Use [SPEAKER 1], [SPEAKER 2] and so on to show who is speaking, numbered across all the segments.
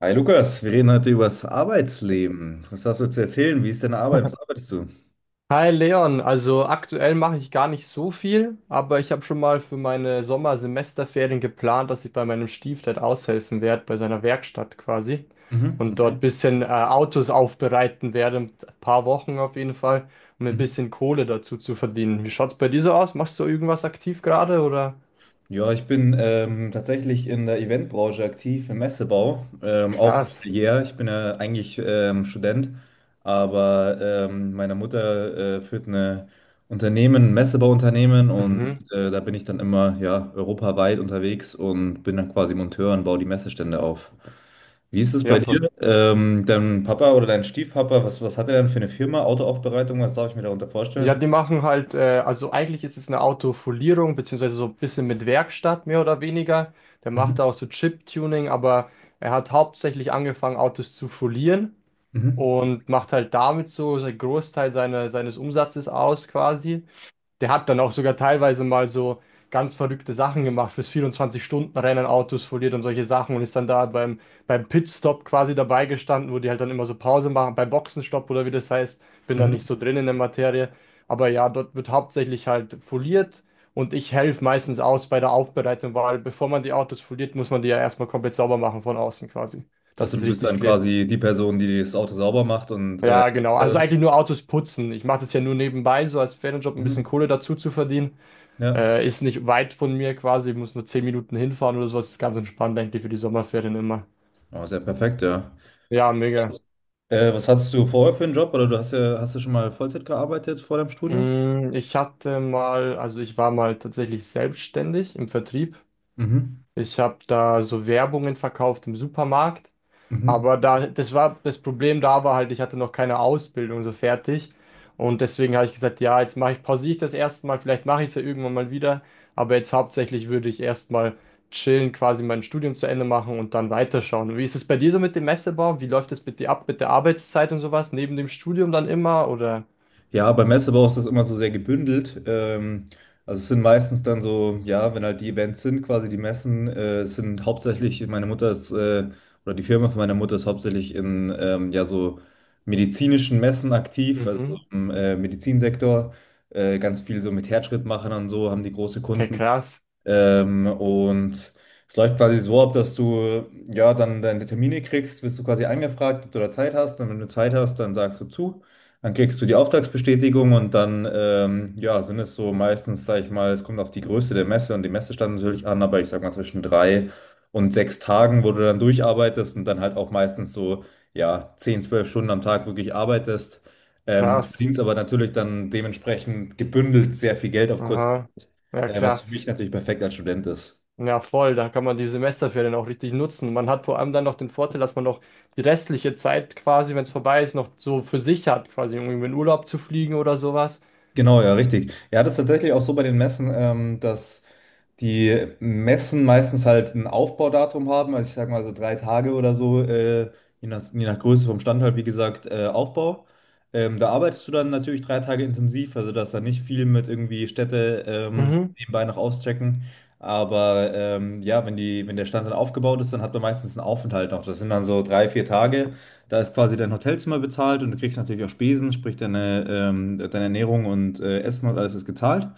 [SPEAKER 1] Hi Lukas, wir reden heute über das Arbeitsleben. Was hast du zu erzählen? Wie ist deine Arbeit? Was arbeitest du?
[SPEAKER 2] Hi Leon, also aktuell mache ich gar nicht so viel, aber ich habe schon mal für meine Sommersemesterferien geplant, dass ich bei meinem Stiefdad aushelfen werde, bei seiner Werkstatt quasi
[SPEAKER 1] Mhm,
[SPEAKER 2] und dort
[SPEAKER 1] okay.
[SPEAKER 2] ein bisschen Autos aufbereiten werde, ein paar Wochen auf jeden Fall, um ein
[SPEAKER 1] Mhm.
[SPEAKER 2] bisschen Kohle dazu zu verdienen. Wie schaut's bei dir so aus? Machst du irgendwas aktiv gerade oder?
[SPEAKER 1] Ja, ich bin tatsächlich in der Eventbranche aktiv, im Messebau, auch
[SPEAKER 2] Krass.
[SPEAKER 1] familiär. Ich bin ja eigentlich Student, aber meine Mutter führt eine Unternehmen, ein Messebauunternehmen und
[SPEAKER 2] Mhm.
[SPEAKER 1] da bin ich dann immer ja, europaweit unterwegs und bin dann quasi Monteur und baue die Messestände auf. Wie ist es bei
[SPEAKER 2] Ja, voll.
[SPEAKER 1] dir? Dein Papa oder dein Stiefpapa, was hat er denn für eine Firma? Autoaufbereitung, was darf ich mir darunter
[SPEAKER 2] Ja,
[SPEAKER 1] vorstellen?
[SPEAKER 2] die machen halt, also eigentlich ist es eine Autofolierung, beziehungsweise so ein bisschen mit Werkstatt mehr oder weniger. Der
[SPEAKER 1] Mhm.
[SPEAKER 2] macht da auch so Chip-Tuning, aber er hat hauptsächlich angefangen, Autos zu folieren
[SPEAKER 1] Mhm.
[SPEAKER 2] und macht halt damit so seinen Großteil seiner, seines Umsatzes aus quasi. Der hat dann auch sogar teilweise mal so ganz verrückte Sachen gemacht, fürs 24-Stunden-Rennen Autos foliert und solche Sachen und ist dann da beim Pitstop quasi dabei gestanden, wo die halt dann immer so Pause machen, beim Boxenstopp oder wie das heißt. Bin da nicht
[SPEAKER 1] Mhm.
[SPEAKER 2] so drin in der Materie. Aber ja, dort wird hauptsächlich halt foliert und ich helfe meistens aus bei der Aufbereitung, weil bevor man die Autos foliert, muss man die ja erstmal komplett sauber machen von außen quasi, dass
[SPEAKER 1] Also
[SPEAKER 2] es
[SPEAKER 1] du bist
[SPEAKER 2] richtig
[SPEAKER 1] dann
[SPEAKER 2] klebt.
[SPEAKER 1] quasi die Person, die das Auto sauber macht und
[SPEAKER 2] Ja, genau. Also
[SPEAKER 1] äh,
[SPEAKER 2] eigentlich nur Autos putzen. Ich mache das ja nur nebenbei, so als Ferienjob ein bisschen
[SPEAKER 1] mhm,
[SPEAKER 2] Kohle dazu zu verdienen.
[SPEAKER 1] ja,
[SPEAKER 2] Ist nicht weit von mir quasi, ich muss nur 10 Minuten hinfahren oder sowas. Ist ganz entspannt, denke ich, für die Sommerferien immer.
[SPEAKER 1] oh, sehr perfekt, ja.
[SPEAKER 2] Ja, mega.
[SPEAKER 1] Was hattest du vorher für einen Job? Oder du hast ja, hast du schon mal Vollzeit gearbeitet vor deinem Studium?
[SPEAKER 2] Ich hatte mal, also ich war mal tatsächlich selbstständig im Vertrieb.
[SPEAKER 1] Mhm.
[SPEAKER 2] Ich habe da so Werbungen verkauft im Supermarkt.
[SPEAKER 1] Mhm.
[SPEAKER 2] Aber da, das Problem da war halt, ich hatte noch keine Ausbildung so fertig. Und deswegen habe ich gesagt, ja, jetzt pausiere ich das erste Mal, vielleicht mache ich es ja irgendwann mal wieder. Aber jetzt hauptsächlich würde ich erstmal chillen, quasi mein Studium zu Ende machen und dann weiterschauen. Wie ist es bei dir so mit dem Messebau? Wie läuft das mit dir ab, mit der Arbeitszeit und sowas? Neben dem Studium dann immer oder?
[SPEAKER 1] Ja, beim Messebau ist das immer so sehr gebündelt. Also es sind meistens dann so, ja, wenn halt die Events sind, quasi die Messen, es sind hauptsächlich, meine Mutter ist, oder die Firma von meiner Mutter ist hauptsächlich in, ja, so medizinischen Messen aktiv, also
[SPEAKER 2] Mhm.
[SPEAKER 1] im Medizinsektor, ganz viel so mit Herzschrittmachern und so haben die große
[SPEAKER 2] Okay,
[SPEAKER 1] Kunden.
[SPEAKER 2] krass,
[SPEAKER 1] Und es läuft quasi so ab, dass du ja dann deine Termine kriegst, wirst du quasi angefragt, ob du da Zeit hast. Und wenn du Zeit hast, dann sagst du zu. Dann kriegst du die Auftragsbestätigung und dann ja, sind es so meistens, sage ich mal, es kommt auf die Größe der Messe und die Messestadt natürlich an, aber ich sag mal zwischen drei und sechs Tagen, wo du dann durcharbeitest und dann halt auch meistens so ja, 10, 12 Stunden am Tag wirklich arbeitest. Mhm.
[SPEAKER 2] krass.
[SPEAKER 1] Verdient aber natürlich dann dementsprechend gebündelt sehr viel Geld auf kurze
[SPEAKER 2] Aha.
[SPEAKER 1] Zeit.
[SPEAKER 2] Ja,
[SPEAKER 1] Was
[SPEAKER 2] klar.
[SPEAKER 1] für mich natürlich perfekt als Student ist.
[SPEAKER 2] Ja, voll, da kann man die Semesterferien auch richtig nutzen. Man hat vor allem dann noch den Vorteil, dass man noch die restliche Zeit quasi, wenn es vorbei ist, noch so für sich hat, quasi um irgendwie in Urlaub zu fliegen oder sowas.
[SPEAKER 1] Genau, ja, richtig. Ja, das ist tatsächlich auch so bei den Messen, dass die Messen meistens halt ein Aufbaudatum haben, also ich sag mal so drei Tage oder so, je nach Größe vom Stand halt, wie gesagt, Aufbau. Da arbeitest du dann natürlich drei Tage intensiv, also da ist dann nicht viel mit irgendwie Städte
[SPEAKER 2] Mhm,
[SPEAKER 1] nebenbei noch auschecken. Aber ja, wenn der Stand dann aufgebaut ist, dann hat man meistens einen Aufenthalt noch. Das sind dann so drei, vier Tage. Da ist quasi dein Hotelzimmer bezahlt und du kriegst natürlich auch Spesen, sprich deine, deine Ernährung und Essen und alles ist gezahlt.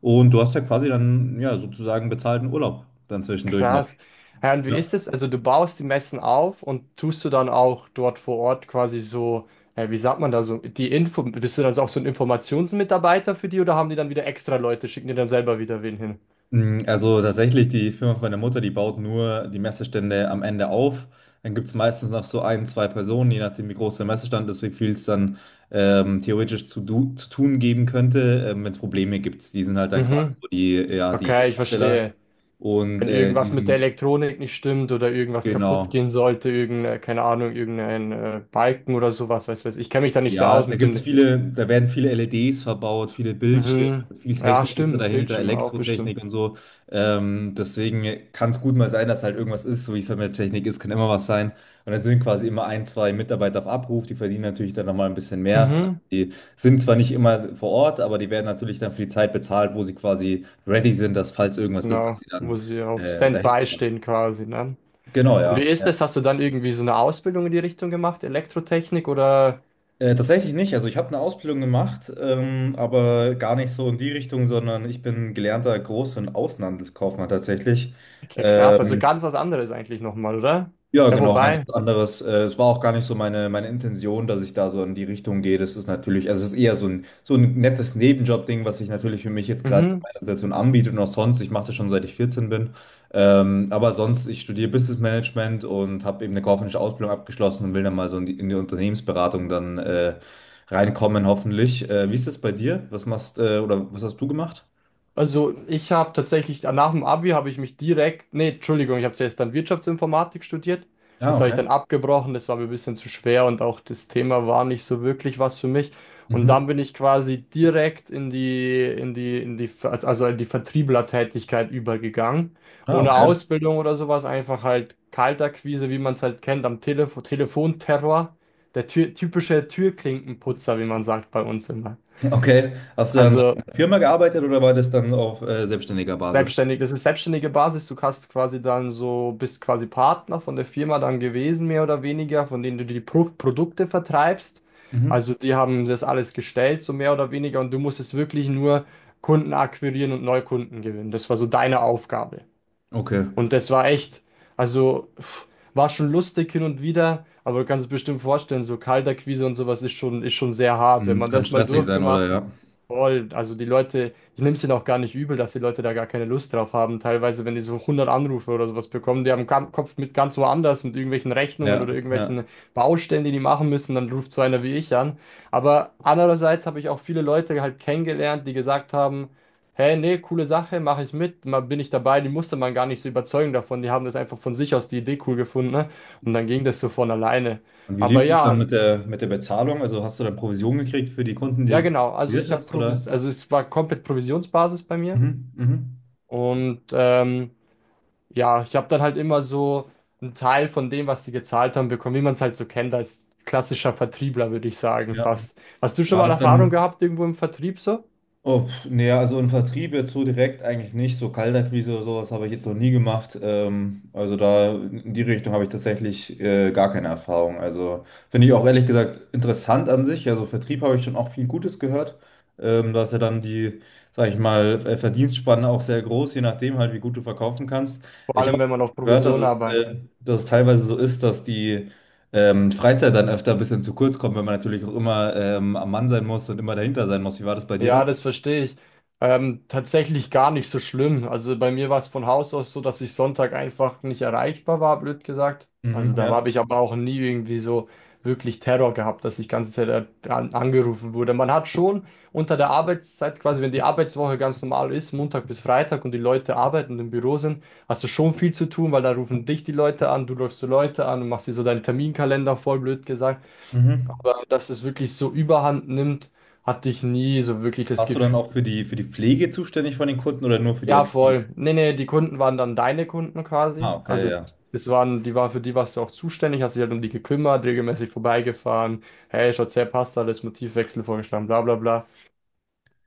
[SPEAKER 1] Und du hast ja quasi dann ja sozusagen bezahlten Urlaub dann zwischendurch noch.
[SPEAKER 2] krass. Ja, und wie
[SPEAKER 1] Ja.
[SPEAKER 2] ist es? Also du baust die Messen auf und tust du dann auch dort vor Ort quasi so, wie sagt man da so, die Info, bist du dann so auch so ein Informationsmitarbeiter für die oder haben die dann wieder extra Leute, schicken dir dann selber wieder wen hin?
[SPEAKER 1] Also tatsächlich, die Firma von meiner Mutter, die baut nur die Messestände am Ende auf. Dann gibt es meistens noch so ein, zwei Personen, je nachdem, wie groß der Messestand ist, wie viel es dann theoretisch zu tun geben könnte, wenn es Probleme gibt. Die sind halt dann quasi
[SPEAKER 2] Mhm,
[SPEAKER 1] so die, ja, die
[SPEAKER 2] okay, ich
[SPEAKER 1] Absteller
[SPEAKER 2] verstehe.
[SPEAKER 1] und
[SPEAKER 2] Wenn irgendwas mit der Elektronik nicht stimmt oder irgendwas kaputt
[SPEAKER 1] genau.
[SPEAKER 2] gehen sollte, irgendeine, keine Ahnung, irgendein Balken oder sowas, weiß ich. Ich kenne mich da nicht so
[SPEAKER 1] Ja,
[SPEAKER 2] aus
[SPEAKER 1] da
[SPEAKER 2] mit
[SPEAKER 1] gibt's
[SPEAKER 2] dem.
[SPEAKER 1] viele, da werden viele LEDs verbaut, viele Bildschirme,
[SPEAKER 2] Mhm.
[SPEAKER 1] viel
[SPEAKER 2] Ja,
[SPEAKER 1] Technik ist da
[SPEAKER 2] stimmt,
[SPEAKER 1] dahinter,
[SPEAKER 2] Bildschirme auch bestimmt.
[SPEAKER 1] Elektrotechnik und so. Deswegen kann es gut mal sein, dass halt irgendwas ist, so wie es halt mit Technik ist, kann immer was sein. Und dann sind quasi immer ein, zwei Mitarbeiter auf Abruf, die verdienen natürlich dann nochmal ein bisschen mehr.
[SPEAKER 2] Mhm.
[SPEAKER 1] Die sind zwar nicht immer vor Ort, aber die werden natürlich dann für die Zeit bezahlt, wo sie quasi ready sind, dass falls irgendwas ist, dass
[SPEAKER 2] Genau,
[SPEAKER 1] sie dann
[SPEAKER 2] muss ich auf
[SPEAKER 1] dahin
[SPEAKER 2] Standby
[SPEAKER 1] fahren.
[SPEAKER 2] stehen quasi, ne?
[SPEAKER 1] Genau,
[SPEAKER 2] Und wie
[SPEAKER 1] ja,
[SPEAKER 2] ist
[SPEAKER 1] ja.
[SPEAKER 2] das? Hast du dann irgendwie so eine Ausbildung in die Richtung gemacht, Elektrotechnik oder?
[SPEAKER 1] Tatsächlich nicht. Also ich habe eine Ausbildung gemacht, aber gar nicht so in die Richtung, sondern ich bin gelernter Groß- und Außenhandelskaufmann tatsächlich.
[SPEAKER 2] Okay, krass, also
[SPEAKER 1] Ähm,
[SPEAKER 2] ganz was anderes eigentlich nochmal, oder?
[SPEAKER 1] ja,
[SPEAKER 2] Ja,
[SPEAKER 1] genau, ganz
[SPEAKER 2] wobei.
[SPEAKER 1] was anderes. Es war auch gar nicht so meine, meine Intention, dass ich da so in die Richtung gehe. Das ist natürlich, also es ist eher so ein nettes Nebenjob-Ding, was sich natürlich für mich jetzt gerade in
[SPEAKER 2] Mhm.
[SPEAKER 1] meiner Situation anbietet und auch sonst. Ich mache das schon seit ich 14 bin. Aber sonst, ich studiere Business Management und habe eben eine kaufmännische Ausbildung abgeschlossen und will dann mal so in die Unternehmensberatung dann reinkommen, hoffentlich. Wie ist das bei dir? Was machst, oder was hast du gemacht?
[SPEAKER 2] Also ich habe tatsächlich, nach dem Abi habe ich mich direkt, nee, Entschuldigung, ich habe zuerst dann Wirtschaftsinformatik studiert.
[SPEAKER 1] Ah,
[SPEAKER 2] Das habe ich
[SPEAKER 1] okay.
[SPEAKER 2] dann abgebrochen, das war mir ein bisschen zu schwer und auch das Thema war nicht so wirklich was für mich. Und
[SPEAKER 1] Mhm.
[SPEAKER 2] dann bin ich quasi direkt in die, in die, in die, also in die Vertrieblertätigkeit übergegangen.
[SPEAKER 1] Ah,
[SPEAKER 2] Ohne
[SPEAKER 1] okay.
[SPEAKER 2] Ausbildung oder sowas, einfach halt Kaltakquise, wie man es halt kennt, am Telefonterror. Der Tür, typische Türklinkenputzer, wie man sagt bei uns immer.
[SPEAKER 1] Okay. Hast du dann in
[SPEAKER 2] Also
[SPEAKER 1] einer Firma gearbeitet oder war das dann auf selbstständiger Basis?
[SPEAKER 2] selbstständig, das ist selbstständige Basis. Du hast quasi dann so, bist quasi Partner von der Firma dann gewesen, mehr oder weniger, von denen du die Produkte vertreibst.
[SPEAKER 1] Mhm.
[SPEAKER 2] Also die haben das alles gestellt, so mehr oder weniger, und du musstest wirklich nur Kunden akquirieren und Neukunden gewinnen. Das war so deine Aufgabe.
[SPEAKER 1] Okay.
[SPEAKER 2] Und das war echt, also pff, war schon lustig hin und wieder, aber du kannst es bestimmt vorstellen, so Kaltakquise und sowas ist schon sehr hart. Wenn
[SPEAKER 1] Hm,
[SPEAKER 2] man
[SPEAKER 1] kann
[SPEAKER 2] das mal
[SPEAKER 1] stressig sein, oder?
[SPEAKER 2] durchgemacht hat,
[SPEAKER 1] Ja.
[SPEAKER 2] voll, also die Leute, ich nehme es ihnen auch gar nicht übel, dass die Leute da gar keine Lust drauf haben. Teilweise, wenn die so 100 Anrufe oder sowas bekommen, die haben den Kopf mit ganz woanders, mit irgendwelchen Rechnungen oder
[SPEAKER 1] Ja, ja.
[SPEAKER 2] irgendwelchen Baustellen, die die machen müssen, dann ruft so einer wie ich an. Aber andererseits habe ich auch viele Leute halt kennengelernt, die gesagt haben: Hey, nee, coole Sache, mache ich mit, mal bin ich dabei. Die musste man gar nicht so überzeugen davon, die haben das einfach von sich aus die Idee cool gefunden, ne? Und dann ging das so von alleine.
[SPEAKER 1] Und wie
[SPEAKER 2] Aber
[SPEAKER 1] lief es dann
[SPEAKER 2] ja,
[SPEAKER 1] mit der Bezahlung? Also hast du dann Provision gekriegt für die Kunden, die
[SPEAKER 2] ja
[SPEAKER 1] du
[SPEAKER 2] genau, also
[SPEAKER 1] konzentriert
[SPEAKER 2] ich habe
[SPEAKER 1] hast,
[SPEAKER 2] Provis
[SPEAKER 1] oder?
[SPEAKER 2] also es war komplett Provisionsbasis bei mir
[SPEAKER 1] Mhm. Mhm.
[SPEAKER 2] und ja, ich habe dann halt immer so einen Teil von dem, was die gezahlt haben, bekommen, wie man es halt so kennt als klassischer Vertriebler, würde ich sagen,
[SPEAKER 1] Ja.
[SPEAKER 2] fast. Hast du schon
[SPEAKER 1] War
[SPEAKER 2] mal
[SPEAKER 1] das
[SPEAKER 2] Erfahrung
[SPEAKER 1] dann?
[SPEAKER 2] gehabt irgendwo im Vertrieb so?
[SPEAKER 1] Oh, pf, nee, also im Vertrieb jetzt so direkt eigentlich nicht. So Kaltakquise oder sowas habe ich jetzt noch nie gemacht. Also da in die Richtung habe ich tatsächlich gar keine Erfahrung. Also finde ich auch ehrlich gesagt interessant an sich. Also Vertrieb habe ich schon auch viel Gutes gehört. Da ist ja dann die, sag ich mal, Ver- Verdienstspanne auch sehr groß, je nachdem halt, wie gut du verkaufen kannst.
[SPEAKER 2] Vor
[SPEAKER 1] Ich habe
[SPEAKER 2] allem, wenn man
[SPEAKER 1] auch
[SPEAKER 2] auf
[SPEAKER 1] gehört,
[SPEAKER 2] Provision arbeitet.
[SPEAKER 1] dass es teilweise so ist, dass die Freizeit dann öfter ein bisschen zu kurz kommt, wenn man natürlich auch immer am Mann sein muss und immer dahinter sein muss. Wie war das bei dir?
[SPEAKER 2] Ja, das verstehe ich. Tatsächlich gar nicht so schlimm. Also bei mir war es von Haus aus so, dass ich Sonntag einfach nicht erreichbar war, blöd gesagt. Also
[SPEAKER 1] Mhm,
[SPEAKER 2] da habe
[SPEAKER 1] ja.
[SPEAKER 2] ich aber auch nie irgendwie so wirklich Terror gehabt, dass ich die ganze Zeit angerufen wurde. Man hat schon unter der Arbeitszeit, quasi wenn die Arbeitswoche ganz normal ist, Montag bis Freitag und die Leute arbeiten und im Büro sind, hast du schon viel zu tun, weil da rufen dich die Leute an, du rufst die Leute an und machst dir so deinen Terminkalender voll, blöd gesagt.
[SPEAKER 1] Mhm.
[SPEAKER 2] Aber dass es wirklich so überhand nimmt, hatte ich nie so wirklich das
[SPEAKER 1] Warst du dann
[SPEAKER 2] Gefühl.
[SPEAKER 1] auch für die Pflege zuständig von den Kunden oder nur für die
[SPEAKER 2] Ja,
[SPEAKER 1] Akquise?
[SPEAKER 2] voll. Nee, nee, die Kunden waren dann deine Kunden quasi.
[SPEAKER 1] Ah, okay,
[SPEAKER 2] Also
[SPEAKER 1] ja.
[SPEAKER 2] es waren, die waren, für die warst du auch zuständig, hast dich halt um die gekümmert, regelmäßig vorbeigefahren. Hey, schaut's her, passt alles, Motivwechsel vorgeschlagen, bla bla bla.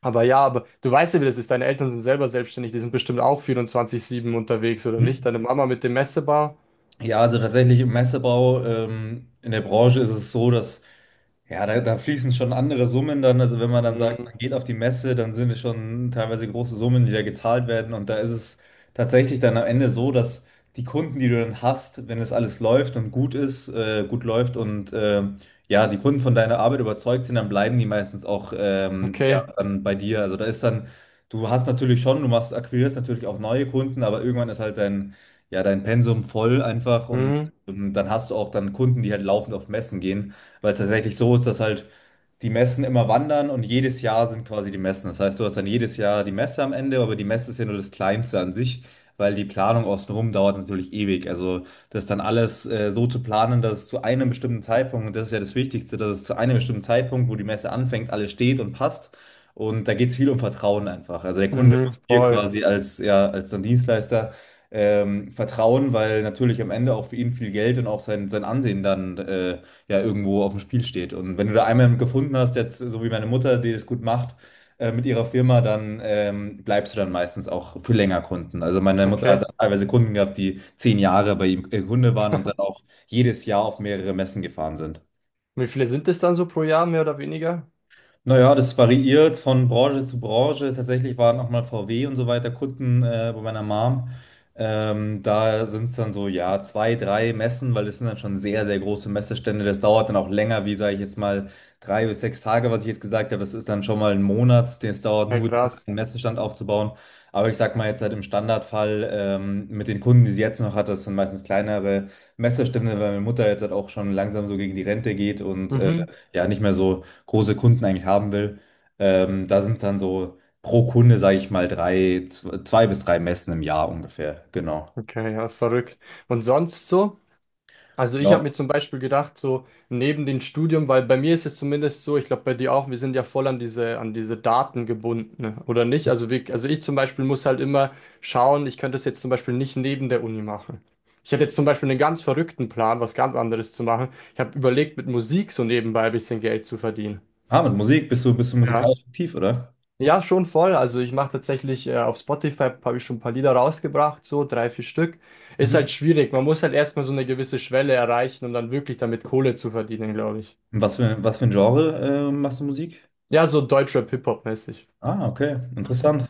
[SPEAKER 2] Aber ja, aber du weißt ja, wie das ist. Deine Eltern sind selber selbstständig, die sind bestimmt auch 24/7 unterwegs, oder nicht?
[SPEAKER 1] Mhm.
[SPEAKER 2] Deine Mama mit dem Messebar?
[SPEAKER 1] Ja, also tatsächlich im Messebau, in der Branche ist es so, dass ja, da, da fließen schon andere Summen dann. Also wenn man dann sagt,
[SPEAKER 2] Mhm.
[SPEAKER 1] man geht auf die Messe, dann sind es schon teilweise große Summen, die da gezahlt werden. Und da ist es tatsächlich dann am Ende so, dass die Kunden, die du dann hast, wenn es alles läuft und gut ist, gut läuft und ja, die Kunden von deiner Arbeit überzeugt sind, dann bleiben die meistens auch ja,
[SPEAKER 2] Okay.
[SPEAKER 1] dann bei dir. Also da ist dann, du hast natürlich schon, du machst, akquirierst natürlich auch neue Kunden, aber irgendwann ist halt dein ja, dein Pensum voll einfach und
[SPEAKER 2] Mhm.
[SPEAKER 1] dann hast du auch dann Kunden, die halt laufend auf Messen gehen, weil es tatsächlich so ist, dass halt die Messen immer wandern und jedes Jahr sind quasi die Messen. Das heißt, du hast dann jedes Jahr die Messe am Ende, aber die Messe ist ja nur das Kleinste an sich, weil die Planung außenrum dauert natürlich ewig. Also das dann alles so zu planen, dass es zu einem bestimmten Zeitpunkt, und das ist ja das Wichtigste, dass es zu einem bestimmten Zeitpunkt, wo die Messe anfängt, alles steht und passt. Und da geht es viel um Vertrauen einfach. Also der Kunde
[SPEAKER 2] Mhm.
[SPEAKER 1] muss dir
[SPEAKER 2] Voll.
[SPEAKER 1] quasi als, ja, als dann Dienstleister vertrauen, weil natürlich am Ende auch für ihn viel Geld und auch sein, sein Ansehen dann ja irgendwo auf dem Spiel steht. Und wenn du da einmal gefunden hast, jetzt so wie meine Mutter, die das gut macht, mit ihrer Firma, dann bleibst du dann meistens auch für länger Kunden. Also meine Mutter hat
[SPEAKER 2] Okay.
[SPEAKER 1] teilweise Kunden gehabt, die 10 Jahre bei ihm Kunde waren und dann auch jedes Jahr auf mehrere Messen gefahren sind.
[SPEAKER 2] Und wie viele sind es dann so pro Jahr, mehr oder weniger?
[SPEAKER 1] Naja, das variiert von Branche zu Branche. Tatsächlich waren auch mal VW und so weiter Kunden bei meiner Mom. Da sind es dann so, ja, zwei, drei Messen, weil es sind dann schon sehr, sehr große Messestände. Das dauert dann auch länger, wie sage ich jetzt mal, drei bis sechs Tage, was ich jetzt gesagt habe. Das ist dann schon mal ein Monat, den es dauert,
[SPEAKER 2] Ja,
[SPEAKER 1] nur diesen
[SPEAKER 2] krass.
[SPEAKER 1] einen Messestand aufzubauen. Aber ich sag mal jetzt halt im Standardfall mit den Kunden, die sie jetzt noch hat, das sind meistens kleinere Messestände, weil meine Mutter jetzt halt auch schon langsam so gegen die Rente geht und
[SPEAKER 2] Mhm.
[SPEAKER 1] ja, nicht mehr so große Kunden eigentlich haben will. Da sind es dann so pro Kunde, sage ich mal, zwei bis drei Messen im Jahr ungefähr. Genau.
[SPEAKER 2] Okay, ja, verrückt. Und sonst so? Also ich habe
[SPEAKER 1] Ja.
[SPEAKER 2] mir zum Beispiel gedacht, so neben dem Studium, weil bei mir ist es zumindest so, ich glaube bei dir auch, wir sind ja voll an diese Daten gebunden, ne? Oder nicht? Also, wir, also ich zum Beispiel muss halt immer schauen, ich könnte es jetzt zum Beispiel nicht neben der Uni machen. Ich hatte jetzt zum Beispiel einen ganz verrückten Plan, was ganz anderes zu machen. Ich habe überlegt, mit Musik so nebenbei ein bisschen Geld zu verdienen.
[SPEAKER 1] Ah, mit Musik, bist du musikalisch aktiv, oder?
[SPEAKER 2] Ja, schon voll. Also ich mache tatsächlich auf Spotify habe ich schon ein paar Lieder rausgebracht, so drei, vier Stück. Ist halt
[SPEAKER 1] Mhm.
[SPEAKER 2] schwierig. Man muss halt erstmal so eine gewisse Schwelle erreichen, um dann wirklich damit Kohle zu verdienen, glaube ich.
[SPEAKER 1] Und was für, was für ein Genre, machst du Musik?
[SPEAKER 2] Ja, so Deutschrap-Hip-Hop-mäßig.
[SPEAKER 1] Ah, okay, interessant.